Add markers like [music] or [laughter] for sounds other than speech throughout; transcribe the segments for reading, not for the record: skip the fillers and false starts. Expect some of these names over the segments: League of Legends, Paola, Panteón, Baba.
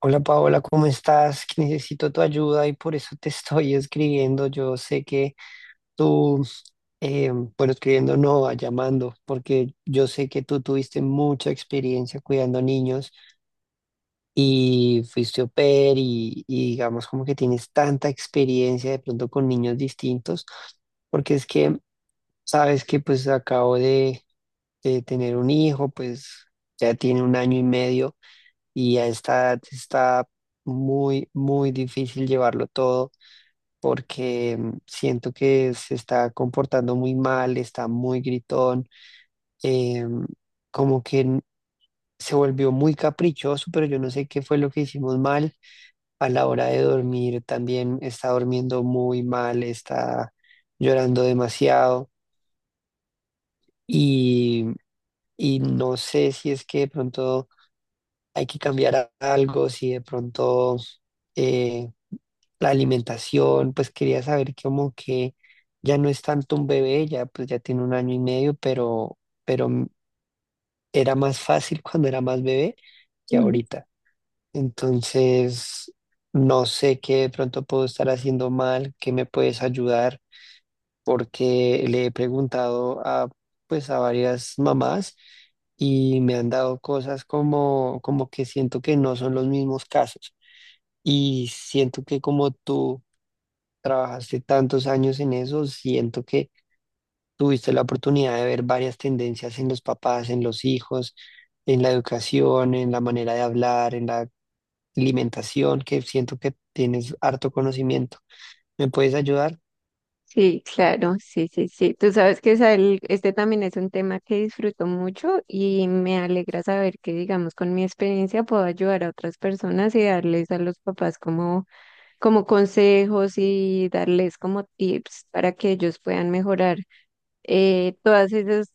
Hola Paola, ¿cómo estás? Que necesito tu ayuda y por eso te [laughs] estoy escribiendo. Yo sé que tú, eh, bueno, escribiendo no, ah, llamando, porque yo sé que tú tuviste mucha experiencia cuidando niños y fuiste au pair y digamos como que tienes tanta experiencia de pronto con niños distintos, porque es que sabes que pues acabo de tener un hijo, pues ya tiene un año y medio y a esta edad está muy, muy difícil llevarlo todo porque siento que se está comportando muy mal, está muy gritón, em, como que n- se volvió muy caprichoso, pero yo no sé qué fue lo que hicimos mal a la hora de dormir. También está durmiendo muy mal, está llorando demasiado y, mm, y no sé si es que de pronto hay que cambiar algo, si de pronto eh, la alimentación. Pues quería saber como que ya no es tanto un bebé, ya pues ya tiene un año y medio, pero, pero m- era más fácil [laughs] cuando era más bebé que Mm, ahorita. Entonces, no sé qué de pronto puedo estar haciendo mal, qué me puedes ayudar, porque le he preguntado a pues a varias mamás y me han dado cosas como, como que siento que no son los mismos casos. Y siento que como tú trabajaste tantos años en eso, siento que tuviste la oportunidad de ver varias tendencias en los papás, en los hijos, en la educación, en la manera de hablar, en la alimentación, que siento que tienes harto conocimiento. ¿Me puedes ayudar? sí, claro, sí, sí, sí. Tú sabes que Sael, también es un tema que disfruto mucho y me alegra saber que, digamos, con mi experiencia puedo ayudar a otras personas y darles a los papás como consejos y darles como tips para que ellos puedan mejorar todas esas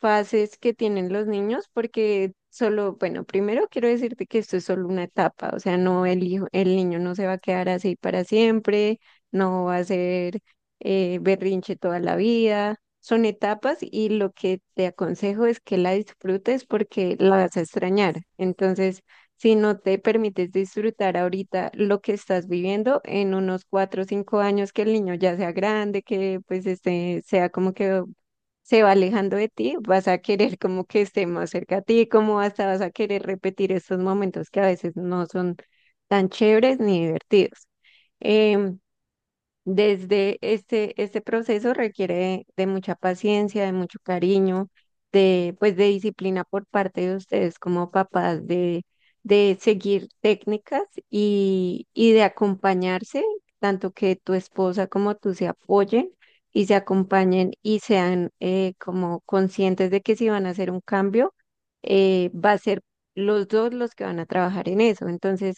fases que tienen los niños, porque solo, bueno, primero quiero decirte que esto es solo una etapa, o sea, no el hijo, el niño no se va a quedar así para siempre, no va a ser berrinche toda la vida, son etapas y lo que te aconsejo es que la disfrutes porque la vas a extrañar. Entonces, si no te permites disfrutar ahorita lo que estás viviendo en unos cuatro o cinco años que el niño ya sea grande, que pues este sea como que se va alejando de ti, vas a querer como que esté más cerca a ti, como hasta vas a querer repetir estos momentos que a veces no son tan chéveres ni divertidos. Em, Desde este proceso requiere de mucha paciencia, de mucho cariño, de, pues, de disciplina por parte de ustedes como papás, de seguir técnicas y de acompañarse, tanto que tu esposa como tú se apoyen y se acompañen y sean como conscientes de que si van a hacer un cambio, va a ser los dos los que van a trabajar en eso. Entonces,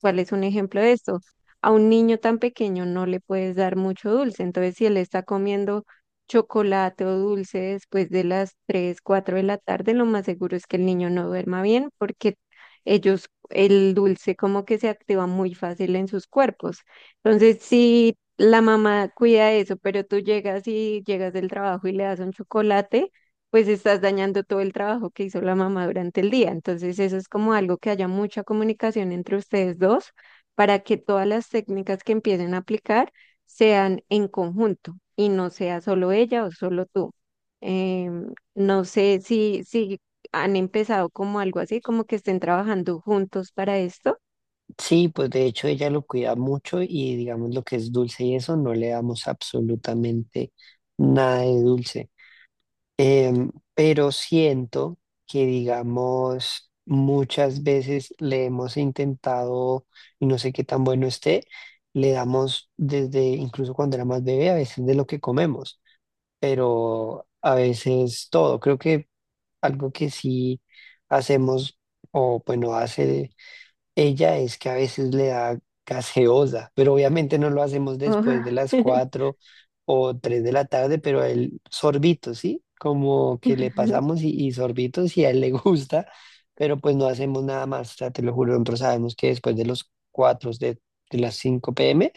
¿cuál es un ejemplo de esto? A un niño tan pequeño no le puedes dar mucho dulce. Entonces, si él está comiendo chocolate o dulce después de las 3 4 de la tarde, lo más seguro es que el niño no duerma bien porque ellos, el dulce como que se activa muy fácil en sus cuerpos. Entonces, si la mamá cuida eso, pero tú llegas y llegas del trabajo y le das un chocolate, pues estás dañando todo el trabajo que hizo la mamá durante el día. Entonces, eso es como algo que haya mucha comunicación entre ustedes dos para que todas las técnicas que empiecen a aplicar sean en conjunto y no sea solo ella o solo tú. No sé si han empezado como algo así, como que estén trabajando juntos para esto. Sí, pues de hecho ella lo cuida mucho y digamos lo que es dulce y eso no le damos absolutamente nada de dulce. Pero siento que, digamos, muchas veces le hemos intentado, y no sé qué tan bueno esté. Le damos desde, incluso cuando era más bebé, a veces de lo que comemos, pero a veces todo. Creo que algo que sí hacemos, o bueno, hace ella, es que a veces le da gaseosa, pero obviamente no lo hacemos Oh. después de las 4 o 3 de la tarde, pero el sorbito, ¿sí? Como que le [laughs] pasamos y sorbitos y a él le [laughs] gusta, pero pues no hacemos nada más, o sea, te lo juro, nosotros sabemos que después de los 4 de las 5 p.m.,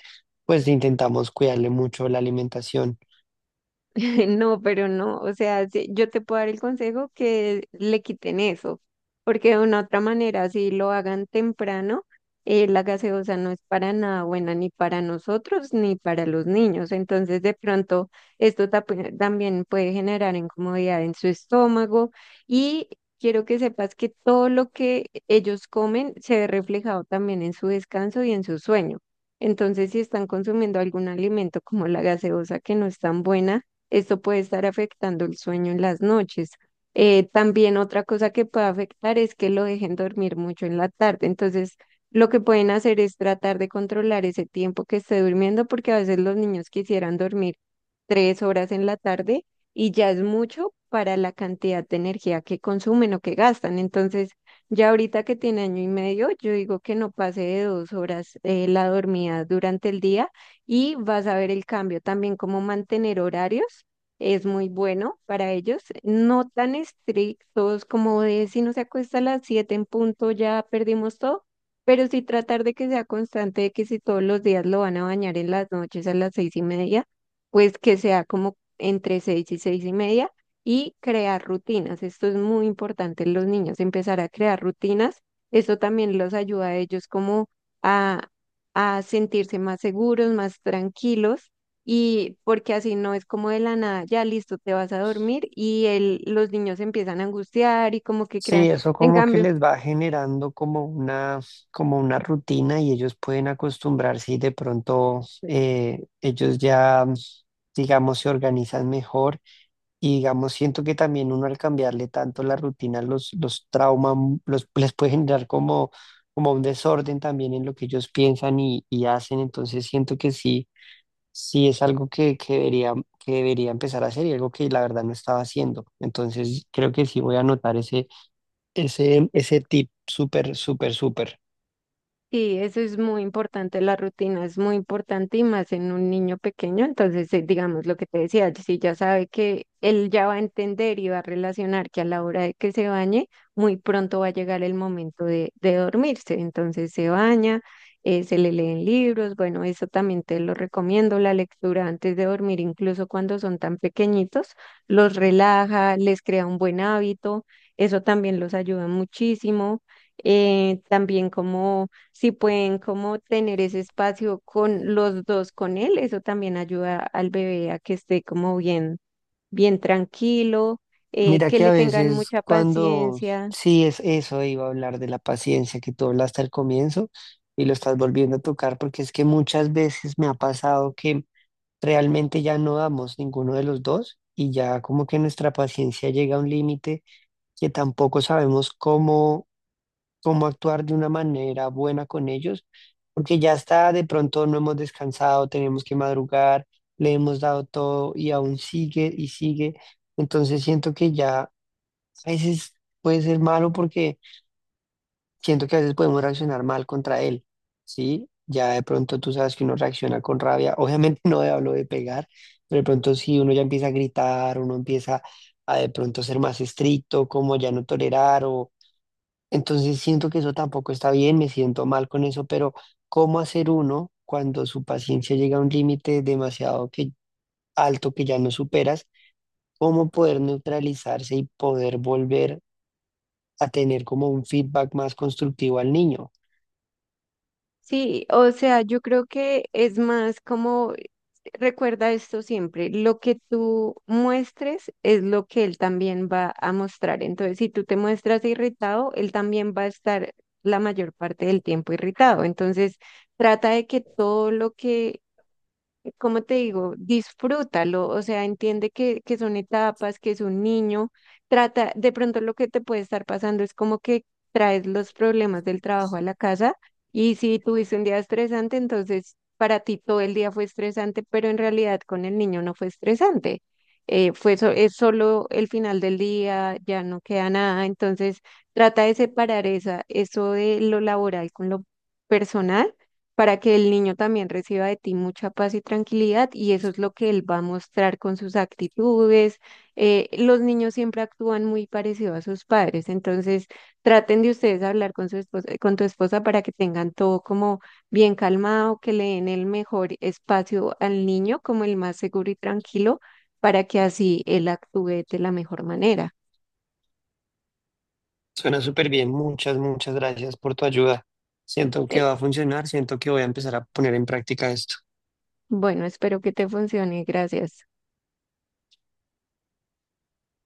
pues intentamos cuidarle mucho la alimentación. [laughs] No, pero no, o sea, sí, yo te puedo dar el consejo que le quiten eso, porque de una otra manera, si lo hagan temprano, la gaseosa no es para nada buena ni para nosotros ni para los niños. Entonces, de pronto, esto también puede generar incomodidad en su estómago y quiero que sepas que todo lo que ellos comen se ve reflejado también en su descanso y en su sueño. Entonces, si están consumiendo algún alimento como la gaseosa que no es tan buena, esto puede estar afectando el sueño en las noches. También otra cosa que puede afectar es que lo dejen dormir mucho en la tarde. Entonces, lo que pueden hacer es tratar de controlar ese tiempo que esté durmiendo, porque a veces los niños quisieran dormir tres horas en la tarde y ya es mucho para la cantidad de energía que consumen o que gastan. Entonces, ya ahorita que tiene año y medio, yo digo que no pase de dos horas la dormida durante el día y vas a ver el cambio. También como mantener horarios es muy bueno para ellos, no tan estrictos como de si no se acuesta a las 7 en punto ya perdimos todo, pero sí tratar de que sea constante, de que si todos los días lo van a bañar en las noches a las seis y media, pues que sea como entre seis y seis y media y crear rutinas. Esto es muy importante en los niños, empezar a crear rutinas. Esto también los ayuda a ellos como a a sentirse más seguros, más tranquilos y porque así no es como de la nada, ya listo, te vas a dormir y los niños se empiezan a angustiar y como que crean. Sí, eso En como que cambio, les va generando como una rutina y ellos pueden acostumbrarse y de pronto ellos ya, digamos, se organizan mejor y digamos, siento que también uno al cambiarle tanto la rutina los trauma, les puede generar como un desorden también en lo que ellos piensan y hacen. Entonces siento que sí, sí es algo que debería, que debería empezar a hacer y algo que la verdad no estaba haciendo. Entonces creo que sí voy a anotar ese tip. Súper, súper, súper. sí, eso es muy importante, la rutina es muy importante y más en un niño pequeño. Entonces, digamos lo que te decía, si ya sabe que él ya va a entender y va a relacionar que a la hora de que se bañe, muy pronto va a llegar el momento de dormirse. Entonces se baña, se le leen libros, bueno, eso también te lo recomiendo, la lectura antes de dormir, incluso cuando son tan pequeñitos, los relaja, les crea un buen hábito, eso también los ayuda muchísimo. También como si pueden como tener ese espacio con los dos con él, eso también ayuda al bebé a que esté como bien, bien tranquilo, Mira que que a le tengan veces mucha cuando, paciencia. sí, es eso, iba a hablar de la paciencia que tú hablaste al comienzo y lo estás volviendo a tocar, porque es que muchas veces me ha pasado que realmente ya no damos ninguno de los dos y ya como que nuestra paciencia llega a un límite que tampoco sabemos cómo actuar de una manera buena con ellos, porque ya está, de pronto no hemos descansado, tenemos que madrugar, le hemos dado todo y aún sigue y sigue. Entonces siento que ya a veces puede ser malo porque siento que a veces podemos reaccionar mal contra él, ¿sí? Ya de pronto tú sabes que uno reacciona con rabia, obviamente [laughs] no hablo de pegar, pero de pronto sí, uno ya empieza a gritar, uno empieza a de pronto ser más estricto, como ya no tolerar. Entonces siento que eso tampoco está bien, me siento mal con eso, pero ¿cómo hacer uno cuando su paciencia llega a un límite demasiado alto que ya no superas? ¿Cómo poder neutralizarse y poder volver a tener como un feedback más constructivo al niño? Sí, o sea, yo creo que es más como, recuerda esto siempre, lo que tú muestres es lo que él también va a mostrar. Entonces, si tú te muestras irritado, él también va a estar la mayor parte del tiempo irritado. Entonces, trata de que todo lo que cómo te digo, disfrútalo, o sea, entiende que son etapas, que es un niño, trata, de pronto lo que te puede estar pasando es como que traes los problemas del trabajo a la casa y si tuviste un día estresante, entonces para ti todo el día fue estresante, pero en realidad con el niño no fue estresante. Fue es solo el final del día, ya no queda nada, entonces trata de separar esa, eso de lo laboral con lo personal para que el niño también reciba de ti mucha paz y tranquilidad y eso es lo que él va a mostrar con sus actitudes. Los niños siempre actúan muy parecido a sus padres, entonces traten de ustedes hablar con su esposa, con tu esposa para que tengan todo como bien calmado, que le den el mejor espacio al niño, como el más seguro y tranquilo, para que así él actúe de la mejor manera. Suena súper bien, muchas, muchas gracias por tu ayuda. Siento que Eh, va a funcionar, siento que voy a empezar a poner en práctica esto. bueno, espero que te funcione. Gracias.